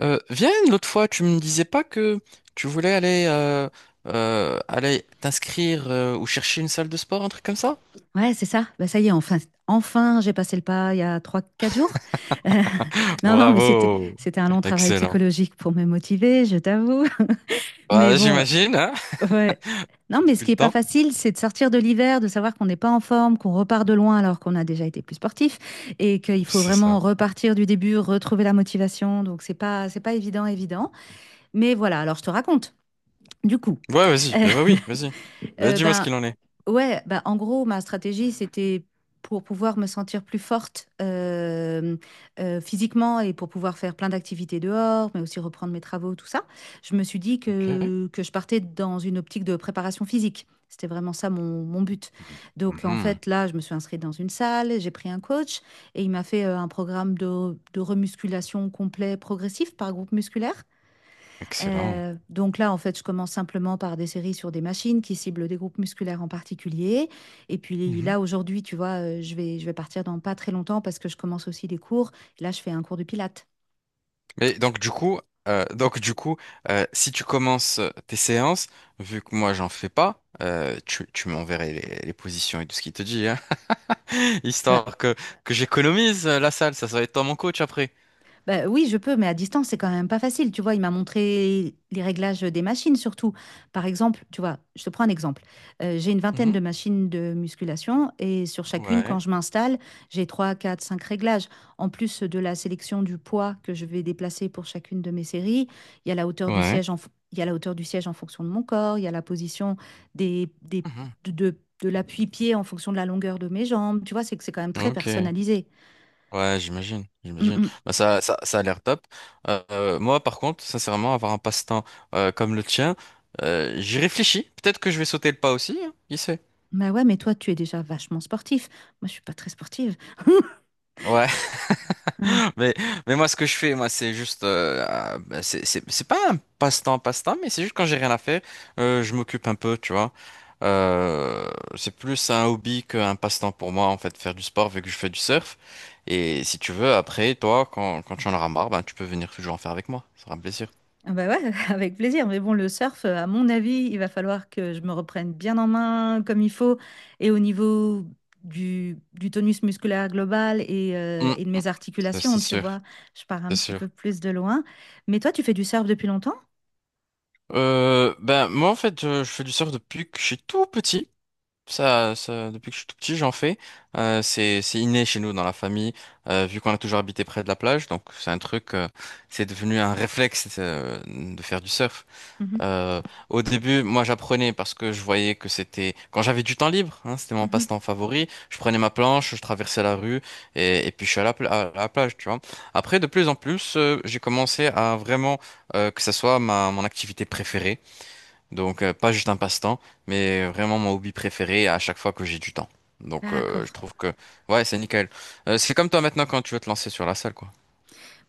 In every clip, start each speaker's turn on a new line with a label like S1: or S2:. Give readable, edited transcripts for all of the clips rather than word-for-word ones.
S1: Viens, l'autre fois, tu me disais pas que tu voulais aller, aller t'inscrire ou chercher une salle de sport, un truc comme ça?
S2: Ouais, c'est ça. Bah, ça y est, enfin, j'ai passé le pas il y a 3, 4 jours. Euh, non, non, mais c'était,
S1: Bravo!
S2: c'était un long travail
S1: Excellent.
S2: psychologique pour me motiver, je t'avoue. Mais
S1: Bah,
S2: bon,
S1: j'imagine, hein,
S2: ouais. Non, mais ce
S1: depuis
S2: qui
S1: le
S2: est pas
S1: temps.
S2: facile, c'est de sortir de l'hiver, de savoir qu'on n'est pas en forme, qu'on repart de loin alors qu'on a déjà été plus sportif et qu'il faut
S1: C'est
S2: vraiment
S1: ça.
S2: repartir du début, retrouver la motivation. Donc, c'est pas évident, évident. Mais voilà. Alors, je te raconte. Du coup,
S1: Ouais, vas-y. Bien, bah oui, vas-y. Bah,
S2: Euh,
S1: dis-moi ce
S2: ben,
S1: qu'il en est.
S2: ouais, en gros, ma stratégie, c'était pour pouvoir me sentir plus forte physiquement et pour pouvoir faire plein d'activités dehors, mais aussi reprendre mes travaux, tout ça. Je me suis dit
S1: Ok.
S2: que je partais dans une optique de préparation physique. C'était vraiment ça mon but. Donc, en
S1: Mhm.
S2: fait, là, je me suis inscrite dans une salle, j'ai pris un coach et il m'a fait un programme de remusculation complet progressif par groupe musculaire.
S1: Excellent.
S2: Donc là, en fait, je commence simplement par des séries sur des machines qui ciblent des groupes musculaires en particulier. Et puis
S1: Mhm.
S2: là, aujourd'hui, tu vois, je vais partir dans pas très longtemps parce que je commence aussi des cours. Là, je fais un cours de pilates.
S1: Mais donc du coup, si tu commences tes séances, vu que moi j'en fais pas, tu m'enverrais les positions et tout ce qu'il te dit, hein.
S2: Bah,
S1: Histoire que j'économise la salle, ça va être toi mon coach après.
S2: Bah oui, je peux, mais à distance, c'est quand même pas facile. Tu vois, il m'a montré les réglages des machines surtout. Par exemple, tu vois, je te prends un exemple. J'ai une vingtaine
S1: Mhm.
S2: de machines de musculation et sur chacune,
S1: Ouais,
S2: quand je m'installe, j'ai 3, 4, 5 réglages. En plus de la sélection du poids que je vais déplacer pour chacune de mes séries, il y a la hauteur du
S1: ouais.
S2: siège il y a la hauteur du siège en fonction de mon corps, il y a la position des, des-
S1: Mhm.
S2: de l'appui-pied en fonction de la longueur de mes jambes. Tu vois, c'est que c'est quand même très
S1: Ok.
S2: personnalisé.
S1: Ouais, j'imagine,
S2: Mm,
S1: j'imagine.
S2: mm.
S1: Bah, ça a l'air top. Moi, par contre, sincèrement, avoir un passe-temps comme le tien, j'y réfléchis. Peut-être que je vais sauter le pas aussi, hein, qui sait.
S2: Bah ouais, mais toi, tu es déjà vachement sportif. Moi, je suis pas très sportive.
S1: Ouais.
S2: Hein.
S1: Mais, mais moi, ce que je fais, moi, c'est juste, ah, bah, c'est pas un passe-temps, passe-temps, mais c'est juste quand j'ai rien à faire, je m'occupe un peu, tu vois. Euh, c'est plus un hobby qu'un passe-temps pour moi, en fait, faire du sport, vu que je fais du surf. Et si tu veux, après, toi, quand tu en auras marre, ben, tu peux venir toujours en faire avec moi. Ça sera un plaisir.
S2: Ah bah ouais, avec plaisir. Mais bon, le surf, à mon avis, il va falloir que je me reprenne bien en main comme il faut. Et au niveau du tonus musculaire global et, euh,
S1: Mm.
S2: et de mes
S1: Ça, c'est
S2: articulations, tu
S1: sûr,
S2: vois, je pars un
S1: c'est
S2: petit
S1: sûr.
S2: peu plus de loin. Mais toi, tu fais du surf depuis longtemps?
S1: Moi, en fait, je fais du surf depuis que je suis tout petit. Depuis que je suis tout petit, j'en fais. C'est inné chez nous dans la famille, vu qu'on a toujours habité près de la plage. Donc c'est devenu un réflexe de faire du surf.
S2: Mhm,
S1: Euh, Au début, moi j'apprenais parce que je voyais que c'était quand j'avais du temps libre, hein, c'était mon
S2: mhm.
S1: passe-temps favori. Je prenais ma planche, je traversais la rue et puis je suis à à la plage, tu vois. Après, de plus en plus, j'ai commencé à vraiment que ça soit ma mon activité préférée. Pas juste un passe-temps, mais vraiment mon hobby préféré à chaque fois que j'ai du temps. Je
S2: D'accord.
S1: trouve que ouais, c'est nickel. C'est comme toi maintenant quand tu veux te lancer sur la salle, quoi.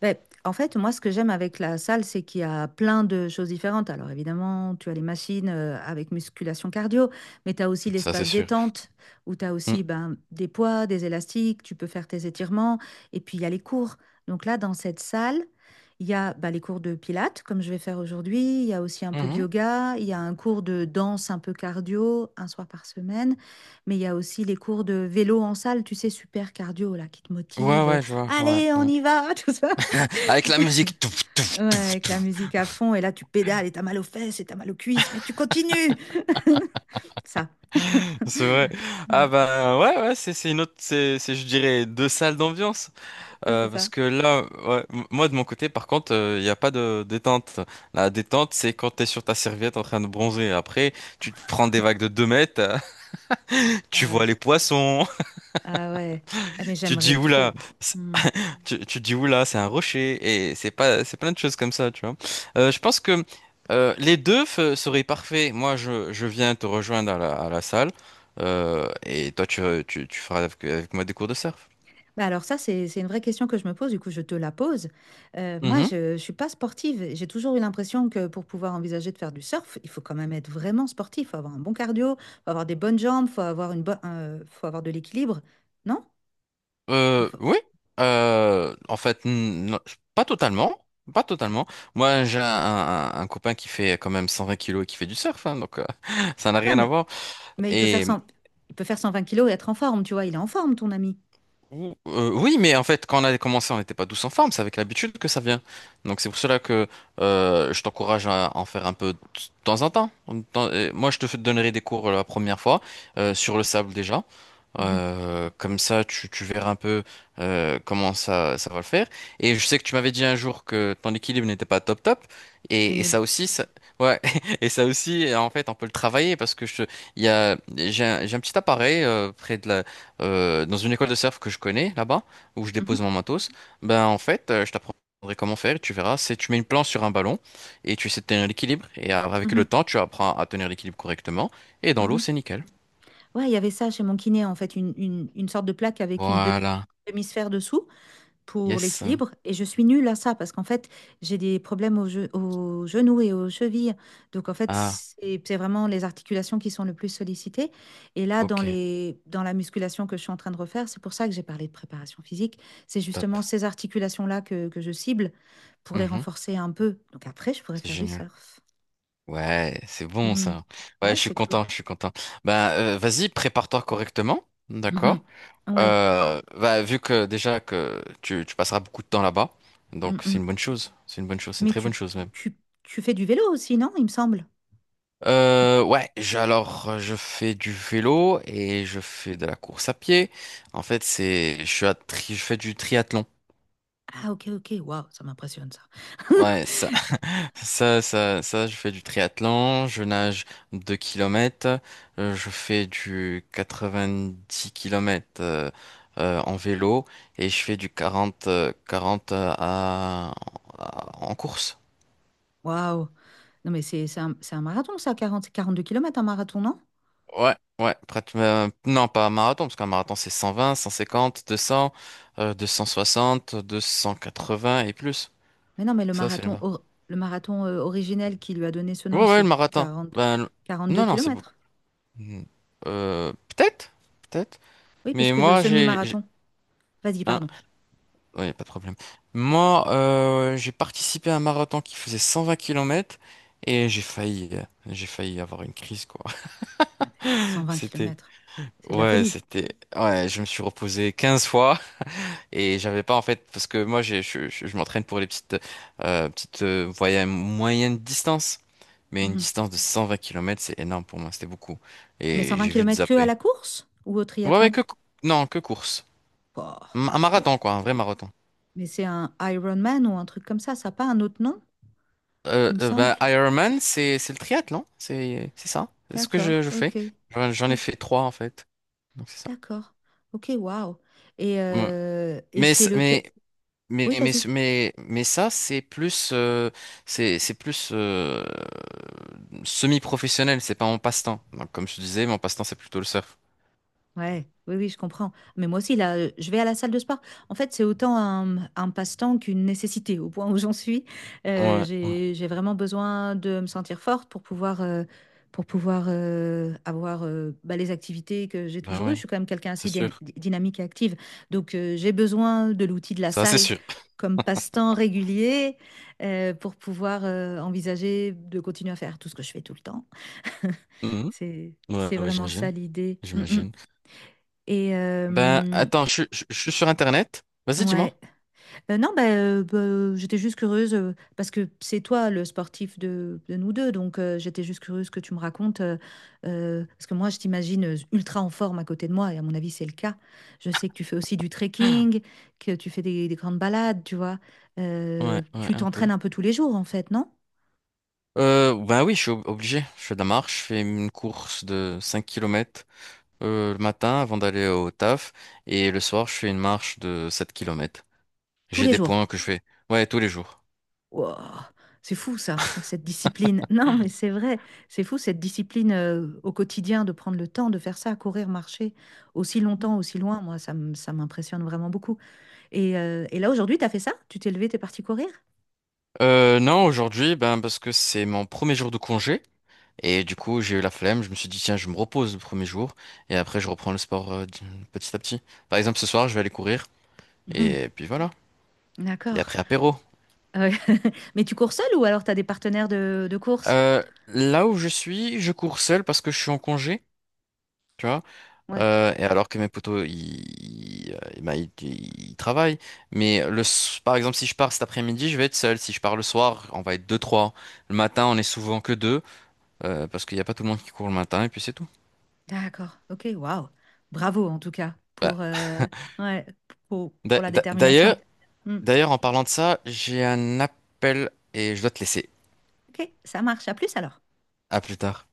S2: Ben, en fait, moi, ce que j'aime avec la salle, c'est qu'il y a plein de choses différentes. Alors, évidemment, tu as les machines avec musculation cardio, mais tu as aussi
S1: Ça c'est
S2: l'espace
S1: sûr.
S2: détente où tu as
S1: Mm.
S2: aussi ben, des poids, des élastiques, tu peux faire tes étirements. Et puis, il y a les cours. Donc là, dans cette salle, il y a ben, les cours de pilates, comme je vais faire aujourd'hui. Il y a aussi un peu de
S1: Mhm.
S2: yoga. Il y a un cours de danse un peu cardio, un soir par semaine. Mais il y a aussi les cours de vélo en salle, tu sais, super cardio, là, qui te
S1: Ouais
S2: motive.
S1: ouais, je vois, ouais,
S2: Allez, on
S1: ouais.
S2: y va, tout ça.
S1: Avec la musique touf, touf,
S2: Ouais,
S1: touf,
S2: avec la
S1: touf.
S2: musique à fond, et là tu pédales et t'as mal aux fesses et t'as mal aux cuisses, mais tu continues. Ça,
S1: C'est vrai. Ah
S2: ouais,
S1: bah ouais ouais, c'est une autre c'est je dirais deux salles d'ambiance.
S2: ouais, c'est
S1: Parce
S2: ça.
S1: que là ouais, moi de mon côté par contre, il n'y a pas de détente. La détente, c'est quand t'es sur ta serviette en train de bronzer. Après, tu te prends des vagues de 2 mètres. Tu
S2: Ah
S1: vois
S2: ouais.
S1: les poissons,
S2: Ah ouais. Ah, mais
S1: tu te
S2: j'aimerais
S1: dis oula,
S2: trop.
S1: c'est-
S2: Hmm.
S1: tu te dis oula, c'est un rocher, et c'est pas, c'est plein de choses comme ça, tu vois. Je pense que les deux seraient parfaits. Moi, je viens te rejoindre à à la salle, et toi, tu feras avec moi des cours de surf.
S2: Bah alors ça, c'est une vraie question que je me pose, du coup je te la pose. Moi,
S1: Mhm.
S2: je ne suis pas sportive. J'ai toujours eu l'impression que pour pouvoir envisager de faire du surf, il faut quand même être vraiment sportif. Il faut avoir un bon cardio, il faut avoir des bonnes jambes, il faut avoir une faut avoir de l'équilibre. Non? Il faut...
S1: Oui. En fait, non, pas totalement. Pas totalement. Moi, j'ai un copain qui fait quand même 120 kilos et qui fait du surf, hein, ça n'a
S2: Ouais,
S1: rien à
S2: mais,
S1: voir.
S2: mais
S1: Et
S2: il peut faire 120 kilos et être en forme, tu vois, il est en forme, ton ami.
S1: Oui, mais en fait, quand on a commencé, on n'était pas tous en forme. C'est avec l'habitude que ça vient. Donc c'est pour cela que je t'encourage à en faire un peu de temps en temps. Moi, je te donnerai des cours la première fois sur le sable déjà.
S2: Mhm.
S1: Comme ça, tu verras un peu comment ça va le faire. Et je sais que tu m'avais dit un jour que ton équilibre n'était pas top top.
S2: Je suis
S1: Et
S2: nulle.
S1: ça aussi, ça, ouais. Et ça aussi, en fait, on peut le travailler parce que je, il y a, j'ai un petit appareil près de la dans une école de surf que je connais là-bas, où je dépose
S2: Mhm.
S1: mon matos, ben en fait, je t'apprendrai comment faire et tu verras. C'est tu mets une planche sur un ballon et tu essaies de tenir l'équilibre et avec le
S2: Mhm.
S1: temps, tu apprends à tenir l'équilibre correctement et dans l'eau,
S2: Mhm.
S1: c'est nickel.
S2: Ouais, il y avait ça chez mon kiné, en fait, une sorte de plaque avec une demi,
S1: Voilà.
S2: demi-sphère dessous pour
S1: Yes.
S2: l'équilibre. Et je suis nulle à ça parce qu'en fait, j'ai des problèmes au genou et aux chevilles. Donc, en fait,
S1: Ah,
S2: c'est vraiment les articulations qui sont le plus sollicitées. Et là, dans
S1: ok.
S2: les, dans la musculation que je suis en train de refaire, c'est pour ça que j'ai parlé de préparation physique. C'est justement
S1: Top.
S2: ces articulations-là que je cible pour les
S1: Mhm.
S2: renforcer un peu. Donc, après, je pourrais
S1: C'est
S2: faire du
S1: génial.
S2: surf.
S1: Ouais, c'est bon
S2: Hmm.
S1: ça. Ouais,
S2: Ouais,
S1: je suis
S2: c'est cool.
S1: content, je suis content. Vas-y, prépare-toi correctement, d'accord?
S2: Mhm. Ouais.
S1: Vu que déjà que tu passeras beaucoup de temps là-bas,
S2: Mm,
S1: donc c'est
S2: mm.
S1: une bonne chose. C'est une bonne chose, c'est une
S2: Mais
S1: très bonne chose même.
S2: tu, tu fais du vélo aussi, non? Il me semble. Du-
S1: Ouais, je fais du vélo et je fais de la course à pied. En fait, c'est je suis à tri- je fais du triathlon.
S2: Ah, ok, ok. Waouh, ça m'impressionne, ça.
S1: Ouais, ça, je fais du triathlon, je nage 2 km, je fais du 90 km en vélo et je fais du 40 40 en course.
S2: Waouh. Non, mais c'est un marathon, ça, 42 kilomètres un marathon, non?
S1: Ouais, ouais, non pas un marathon, parce qu'un marathon c'est 120, 150, 200, 260, 280 et plus.
S2: Mais non, mais le
S1: Ça, c'est le
S2: marathon,
S1: marathon.
S2: originel qui lui a donné ce nom,
S1: Ouais, ouais, le
S2: c'est
S1: marathon. Ben,
S2: quarante deux
S1: non, non, c'est beaucoup.
S2: kilomètres.
S1: Hmm. Peut-être, peut-être.
S2: Oui, parce
S1: Mais
S2: que le
S1: moi, j'ai.
S2: semi-marathon, vas-y,
S1: Un.
S2: pardon,
S1: Ouais, pas de problème. Moi, j'ai participé à un marathon qui faisait 120 km et j'ai failli avoir une crise, quoi.
S2: cent vingt
S1: C'était,
S2: kilomètres, c'est de la
S1: ouais,
S2: folie.
S1: c'était, ouais, je me suis reposé 15 fois et j'avais pas, en fait, parce que moi, je m'entraîne pour les petites, petites, voyages moyennes distances. Mais une
S2: Mhm.
S1: distance de 120 km, c'est énorme pour moi, c'était beaucoup.
S2: Mais cent
S1: Et
S2: vingt
S1: j'ai vu de
S2: kilomètres que à
S1: zapper.
S2: la course ou au
S1: Ouais, ouais,
S2: triathlon?
S1: non, que course.
S2: Oh,
S1: Un
S2: mais
S1: marathon, quoi, un vrai marathon.
S2: Mais c'est un Iron Man ou un truc comme ça n'a pas un autre nom, il me semble.
S1: Ironman, c'est le triathlon, c'est ça. C'est ce que je,
S2: D'accord,
S1: je fais.
S2: ok,
S1: J'en ai
S2: ok,
S1: fait trois en fait, donc c'est ça.
S2: d'accord, ok, waouh.
S1: Ouais.
S2: Et
S1: Mais
S2: c'est
S1: c- mais
S2: lequel... Oui, vas-y.
S1: Ça c'est plus c'est plus semi-professionnel, c'est pas mon passe-temps. Donc comme je te disais, mon passe-temps c'est plutôt le surf.
S2: Ouais, oui, oui, je comprends. Mais moi aussi, là, je vais à la salle de sport. En fait, c'est autant un passe-temps qu'une nécessité, au point où j'en suis.
S1: Ouais, ouais,
S2: J'ai vraiment besoin de me sentir forte pour pouvoir avoir bah, les activités que j'ai
S1: bah
S2: toujours eues. Je
S1: ouais,
S2: suis quand même quelqu'un
S1: c'est
S2: assez
S1: sûr.
S2: dynamique et active. Donc, j'ai besoin de l'outil de la
S1: Ça c'est
S2: salle
S1: sûr.
S2: comme passe-temps régulier pour pouvoir envisager de continuer à faire tout ce que je fais tout le temps.
S1: Mhm.
S2: C'est
S1: Ouais, ouais,
S2: vraiment ça
S1: j'imagine,
S2: l'idée. Mm, mm.
S1: j'imagine.
S2: Et
S1: Ben attends, je suis sur Internet. Vas-y, dis-moi.
S2: ouais. Non, bah, j'étais juste curieuse parce que c'est toi le sportif de nous deux. Donc, j'étais juste curieuse que tu me racontes. Parce que moi, je t'imagine ultra en forme à côté de moi. Et à mon avis, c'est le cas. Je sais que tu fais aussi du trekking, que tu fais des grandes balades, tu vois.
S1: Ouais, ouais,
S2: Tu
S1: un peu.
S2: t'entraînes un peu tous les jours, en fait, non?
S1: Ben oui, je suis obligé. Je fais de la marche, je fais une course de 5 km le matin avant d'aller au taf. Et le soir, je fais une marche de 7 km.
S2: Tous
S1: J'ai
S2: les
S1: des
S2: jours.
S1: points que je fais. Ouais, tous les jours.
S2: Wouah, c'est fou ça, ouais, cette discipline. Non, mais c'est vrai, c'est fou cette discipline au quotidien de prendre le temps de faire ça, courir, marcher aussi longtemps, aussi loin. Moi, ça m'impressionne vraiment beaucoup. Et là, aujourd'hui, tu as fait ça? Tu t'es levé, t'es parti courir?
S1: Non, aujourd'hui, ben parce que c'est mon premier jour de congé. Et du coup, j'ai eu la flemme. Je me suis dit, tiens, je me repose le premier jour. Et après, je reprends le sport petit à petit. Par exemple, ce soir, je vais aller courir.
S2: Mhm,
S1: Et puis voilà. Et
S2: d'accord.
S1: après, apéro.
S2: Euh, mais tu cours seul ou alors tu as des partenaires de course?
S1: Là où je suis, je cours seul parce que je suis en congé. Tu vois.
S2: Ouais,
S1: Et alors que mes potos, ils travaillent. Mais par exemple, si je pars cet après-midi, je vais être seul. Si je pars le soir, on va être deux, trois. Le matin, on est souvent que deux, parce qu'il n'y a pas tout le monde qui court le matin, et puis c'est tout.
S2: d'accord. Ok, waouh. Bravo en tout cas
S1: Bah,
S2: pour, ouais, pour,
S1: d'a-
S2: pour la
S1: d'a- d'ailleurs,
S2: détermination. Hmm,
S1: d'ailleurs, en parlant de ça, j'ai un appel et je dois te laisser.
S2: ok, ça marche. À plus alors.
S1: À plus tard.